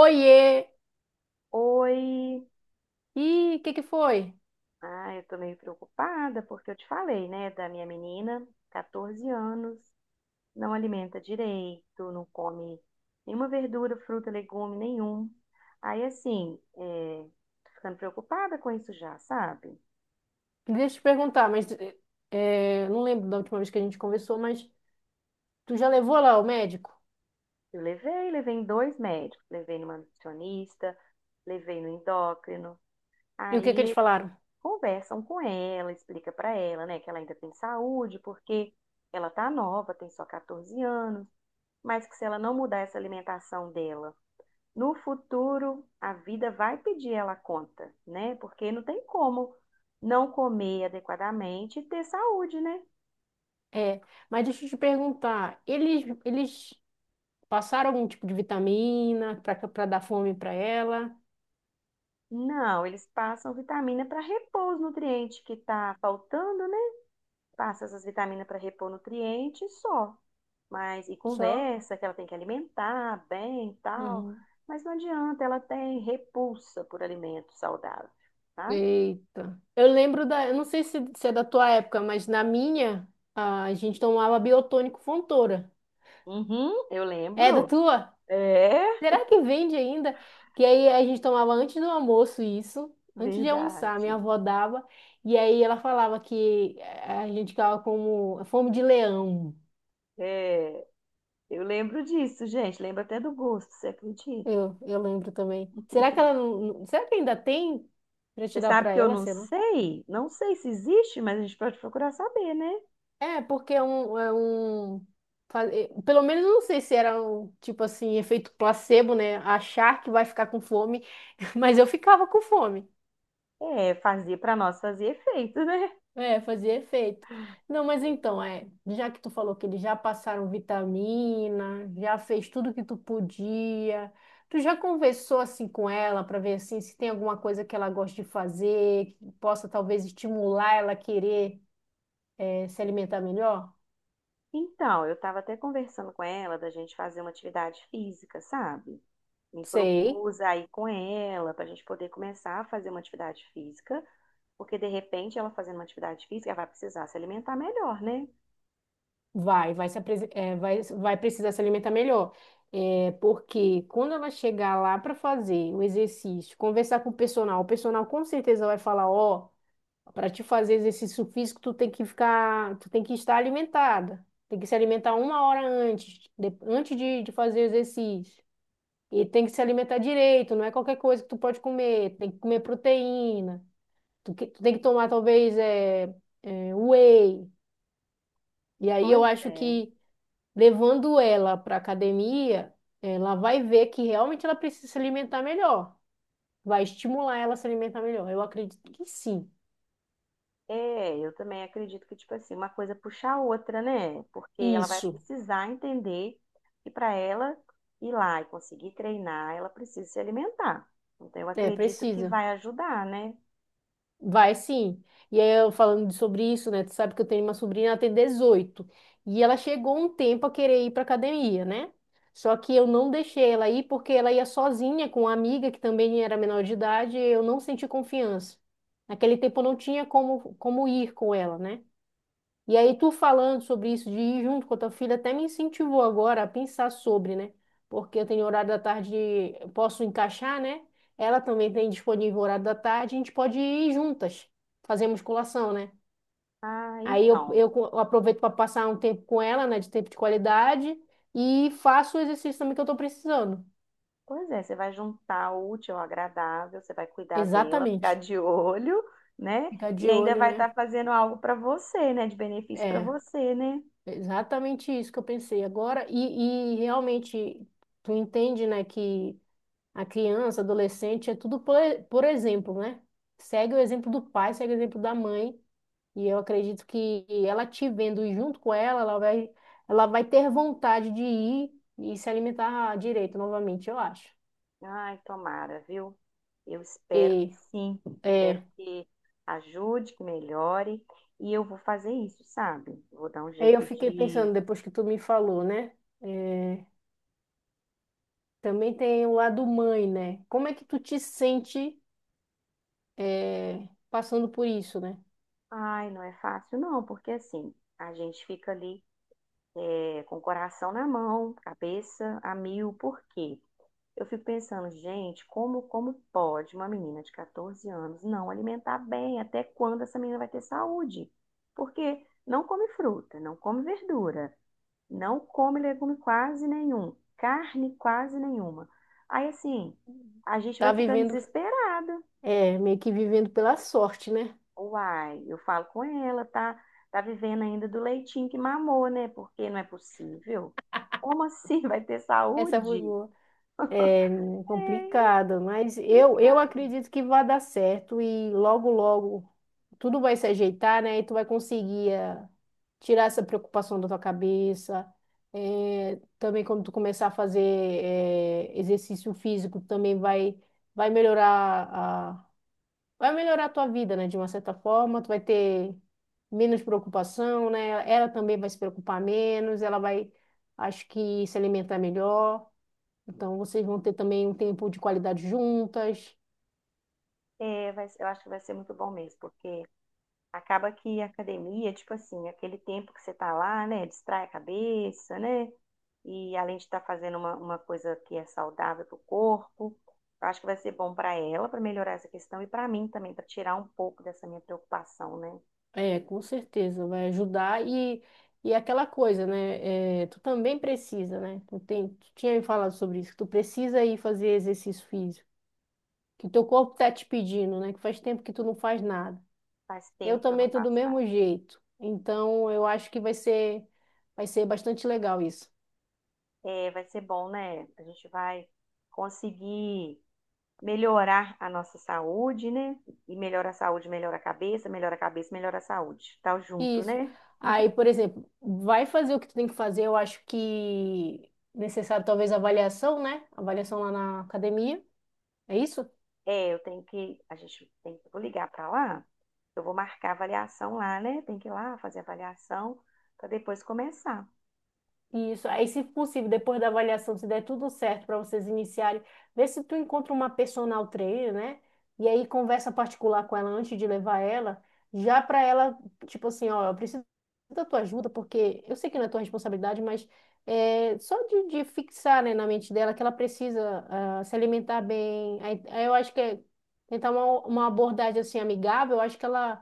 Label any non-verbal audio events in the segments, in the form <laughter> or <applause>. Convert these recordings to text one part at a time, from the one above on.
Oiê! Oi, Ih, o que que foi? Eu tô meio preocupada porque eu te falei, né, da minha menina, 14 anos, não alimenta direito, não come nenhuma verdura, fruta, legume nenhum. Aí, assim, tô ficando preocupada com isso já, sabe? Deixa eu te perguntar, mas não lembro da última vez que a gente conversou, mas tu já levou lá o médico? Eu levei, levei em 2 médicos, levei numa nutricionista, levei no endócrino. E o que que Aí eles falaram? conversam com ela, explica pra ela, né, que ela ainda tem saúde, porque ela tá nova, tem só 14 anos, mas que se ela não mudar essa alimentação dela, no futuro a vida vai pedir ela conta, né? Porque não tem como não comer adequadamente e ter saúde, né? É, mas deixa eu te perguntar, eles passaram algum tipo de vitamina para dar fome para ela? Não, eles passam vitamina para repor os nutrientes que tá faltando, né? Passa essas vitaminas para repor nutrientes só. Mas e Só? conversa que ela tem que alimentar bem e tal. Uhum. Mas não adianta, ela tem repulsa por alimento saudável, sabe? Eita. Eu lembro da, eu não sei se é da tua época, mas na minha a gente tomava Biotônico Fontoura. Uhum, eu É da lembro. tua? É, Será que vende ainda? Que aí a gente tomava antes do almoço isso, antes de almoçar, minha verdade. avó dava, e aí ela falava que a gente ficava como fome de leão. É, eu lembro disso, gente. Lembro até do gosto, você acredita? Eu lembro também. Será que ela não, não- será que ainda tem para Você te dar sabe para que eu ela, não sei lá? sei? Não sei se existe, mas a gente pode procurar saber, né? É, porque é um pelo menos eu não sei se era um tipo assim, efeito placebo, né? Achar que vai ficar com fome, <laughs> mas eu ficava com fome. É, fazer para nós fazer efeito, né? É, fazia efeito. Não, mas então, é, já que tu falou que eles já passaram vitamina, já fez tudo que tu podia, tu já conversou assim com ela para ver assim se tem alguma coisa que ela gosta de fazer, que possa talvez estimular ela a querer se alimentar melhor? Então, eu estava até conversando com ela da gente fazer uma atividade física, sabe? Me Sei, propus aí com ela para a gente poder começar a fazer uma atividade física, porque de repente ela fazendo uma atividade física ela vai precisar se alimentar melhor, né? vai precisar se alimentar melhor. É, porque quando ela chegar lá para fazer o exercício, conversar com o personal com certeza vai falar, ó. Para te fazer exercício físico, tu tem que ficar, tu tem que estar alimentada. Tem que se alimentar uma hora antes, antes de fazer o exercício. E tem que se alimentar direito, não é qualquer coisa que tu pode comer. Tem que comer proteína. Tu tem que tomar, talvez, whey. E aí eu Pois acho é. que levando ela para academia, ela vai ver que realmente ela precisa se alimentar melhor. Vai estimular ela a se alimentar melhor. Eu acredito que sim. É, eu também acredito que, tipo assim, uma coisa puxa a outra, né? Porque ela vai Isso. precisar entender que para ela ir lá e conseguir treinar, ela precisa se alimentar. Então, eu É, acredito que precisa. vai ajudar, né? Vai sim. E aí, eu falando sobre isso, né? Tu sabe que eu tenho uma sobrinha, ela tem dezoito. E ela chegou um tempo a querer ir pra academia, né? Só que eu não deixei ela ir porque ela ia sozinha com uma amiga que também era menor de idade e eu não senti confiança. Naquele tempo eu não tinha como ir com ela, né? E aí, tu falando sobre isso de ir junto com a tua filha, até me incentivou agora a pensar sobre, né? Porque eu tenho horário da tarde, eu posso encaixar, né? Ela também tem disponível horário da tarde, a gente pode ir juntas, fazer musculação, né? Ah, Aí eu, então. eu co- eu aproveito para passar um tempo com ela, né? De tempo de qualidade, e faço o exercício também que eu tô precisando. Pois é, você vai juntar o útil ao agradável, você vai cuidar dela, <laughs> ficar Exatamente. de olho, né? Ficar E de ainda olho, vai né? estar fazendo algo para você, né? De benefício para É, você, né? exatamente isso que eu pensei agora. E realmente, tu entende, né? que. A criança, adolescente, é tudo por exemplo, né? Segue o exemplo do pai, segue o exemplo da mãe. E eu acredito que ela te vendo junto com ela, ela vai ter vontade de ir e se alimentar direito novamente, eu acho. Ai, tomara, viu? Eu espero que E sim, espero é, que ajude, que melhore, e eu vou fazer isso, sabe? Vou dar um aí eu jeito fiquei de. pensando, depois que tu me falou, né? É, também tem o lado mãe, né? Como é que tu te sente passando por isso, né? Ai, não é fácil, não, porque assim, a gente fica ali com o coração na mão, cabeça a mil, por quê? Eu fico pensando, gente, como, como pode uma menina de 14 anos não alimentar bem? Até quando essa menina vai ter saúde? Porque não come fruta, não come verdura, não come legume quase nenhum, carne quase nenhuma. Aí assim, a gente vai Tá ficando vivendo, desesperada. Meio que vivendo pela sorte, né? Uai, eu falo com ela, tá, tá vivendo ainda do leitinho que mamou, né? Porque não é possível. Como assim vai ter Essa foi saúde? boa. É É complicado, mas eu complicado. acredito que vai dar certo e logo, logo tudo vai se ajeitar, né? E tu vai conseguir tirar essa preocupação da tua cabeça. Também quando tu começar a fazer exercício físico, também vai melhorar a, vai melhorar a tua vida, né? De uma certa forma, tu vai ter menos preocupação, né? Ela também vai se preocupar menos, acho que se alimentar melhor. Então vocês vão ter também um tempo de qualidade juntas. É, eu acho que vai ser muito bom mesmo, porque acaba que a academia, tipo assim, aquele tempo que você tá lá, né, distrai a cabeça, né? E além de estar fazendo uma coisa que é saudável para o corpo, eu acho que vai ser bom para ela, para melhorar essa questão, e para mim também, para tirar um pouco dessa minha preocupação, né? É, com certeza, vai ajudar. E aquela coisa, né? É, tu também precisa, né? Tu tinha me falado sobre isso, que tu precisa ir fazer exercício físico, que teu corpo tá te pedindo, né? Que faz tempo que tu não faz nada. Faz Eu tempo que eu não também tô do faço nada. mesmo jeito. Então eu acho que vai ser bastante legal isso. É, vai ser bom, né? A gente vai conseguir melhorar a nossa saúde, né? E melhora a saúde, melhora a cabeça, melhora a cabeça, melhora a saúde. Tá junto, Isso. né? Aí, por exemplo, vai fazer o que tu tem que fazer, eu acho que necessário talvez avaliação, né? Avaliação lá na academia. É isso? É, eu tenho que, a gente tem que, vou ligar para lá, eu vou marcar a avaliação lá, né? Tem que ir lá fazer a avaliação para depois começar. Isso. Aí, se possível, depois da avaliação, se der tudo certo para vocês iniciarem, vê se tu encontra uma personal trainer, né? E aí conversa particular com ela antes de levar ela, já para ela, tipo assim, ó, eu preciso da tua ajuda, porque eu sei que não é tua responsabilidade, mas é só de fixar, né, na mente dela que ela precisa ah, se alimentar bem. Aí, aí eu acho que é tentar uma abordagem assim amigável, eu acho que ela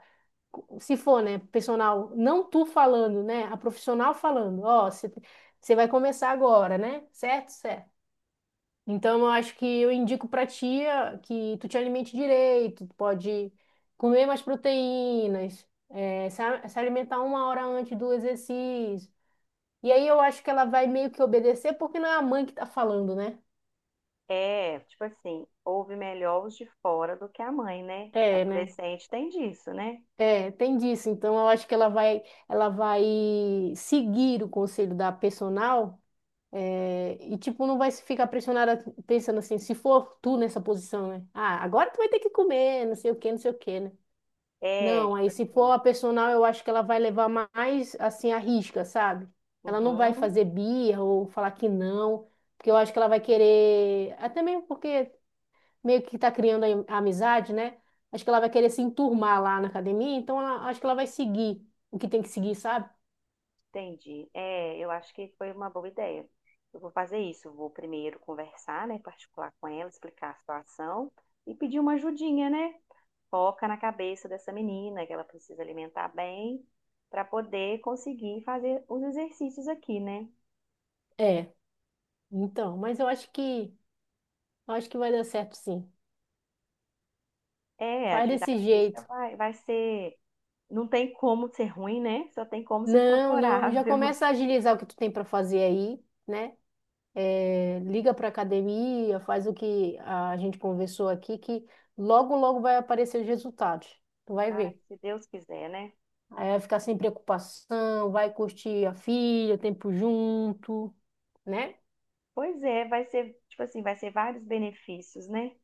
se for, né, personal, não tu falando, né, a profissional falando, ó, você vai começar agora, né? Certo? Certo. Então eu acho que eu indico pra tia que tu te alimente direito, tu pode comer mais proteínas, é, se alimentar uma hora antes do exercício. E aí eu acho que ela vai meio que obedecer porque não é a mãe que tá falando, né? É, tipo assim, ouve melhor os de fora do que a mãe, né? É, né? Adolescente tem disso, né? É, tem disso. Então eu acho que ela vai seguir o conselho da personal. É, e, tipo, não vai se ficar pressionada pensando assim, se for tu nessa posição, né? Ah, agora tu vai ter que comer, não sei o que, não sei o que, né? É, Não, tipo aí se for assim. a personal, eu acho que ela vai levar mais, assim, a risca, sabe? Ela não vai Uhum, fazer birra ou falar que não, porque eu acho que ela vai querer, até mesmo porque meio que tá criando a amizade, né? Acho que ela vai querer se enturmar lá na academia, então acho que ela vai seguir o que tem que seguir, sabe? entendi. É, eu acho que foi uma boa ideia. Eu vou fazer isso. Eu vou primeiro conversar, né, particular com ela, explicar a situação e pedir uma ajudinha, né? Foca na cabeça dessa menina que ela precisa alimentar bem para poder conseguir fazer os exercícios aqui, né? É, então, mas eu acho que vai dar certo, sim. É, a Faz desse atividade física jeito. Vai ser. Não tem como ser ruim, né? Só tem como ser Não, não. Já favorável. começa a <laughs> agilizar o que tu tem para fazer aí, né? É, liga para academia, faz o que a gente conversou aqui, que logo, logo vai aparecer os resultados. Tu vai Ah, ver. se Deus quiser, né? Aí vai ficar sem preocupação, vai curtir a filha, tempo junto, né? Pois é, vai ser, tipo assim, vai ser vários benefícios, né?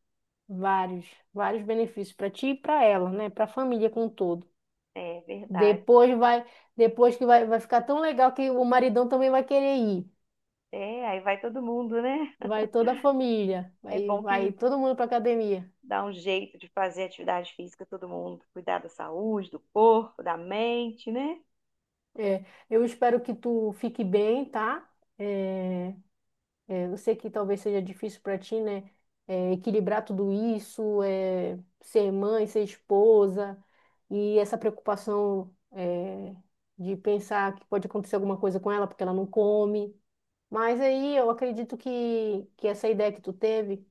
Vários, vários benefícios para ti e para ela, né? Para a família como um todo. É verdade. Depois vai, depois que vai, vai ficar tão legal que o maridão também vai querer ir. É, aí vai todo mundo, né? Vai toda a família, É vai, bom vai que todo mundo para academia. dá um jeito de fazer atividade física todo mundo, cuidar da saúde, do corpo, da mente, né? É, eu espero que tu fique bem, tá? É, eu sei que talvez seja difícil para ti, né? É, equilibrar tudo isso, é, ser mãe, ser esposa, e essa preocupação, é, de pensar que pode acontecer alguma coisa com ela porque ela não come. Mas aí eu acredito que essa ideia que tu teve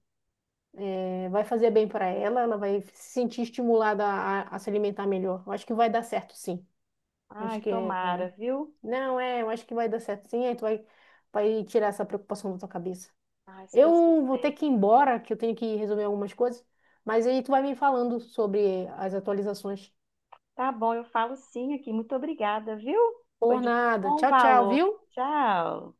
é, vai fazer bem para ela, ela vai se sentir estimulada a se alimentar melhor. Eu acho que vai dar certo, sim. Acho Ai, que é. tomara, viu? Não, é, eu acho que vai dar certo sim, aí tu vai tirar essa preocupação da tua cabeça. Ai, se Deus Eu vou ter quiser. que ir embora, que eu tenho que resolver algumas coisas, mas aí tu vai me falando sobre as atualizações. Tá bom, eu falo sim aqui. Muito obrigada, viu? Foi Por de nada. bom Tchau, tchau, valor. viu? Tchau.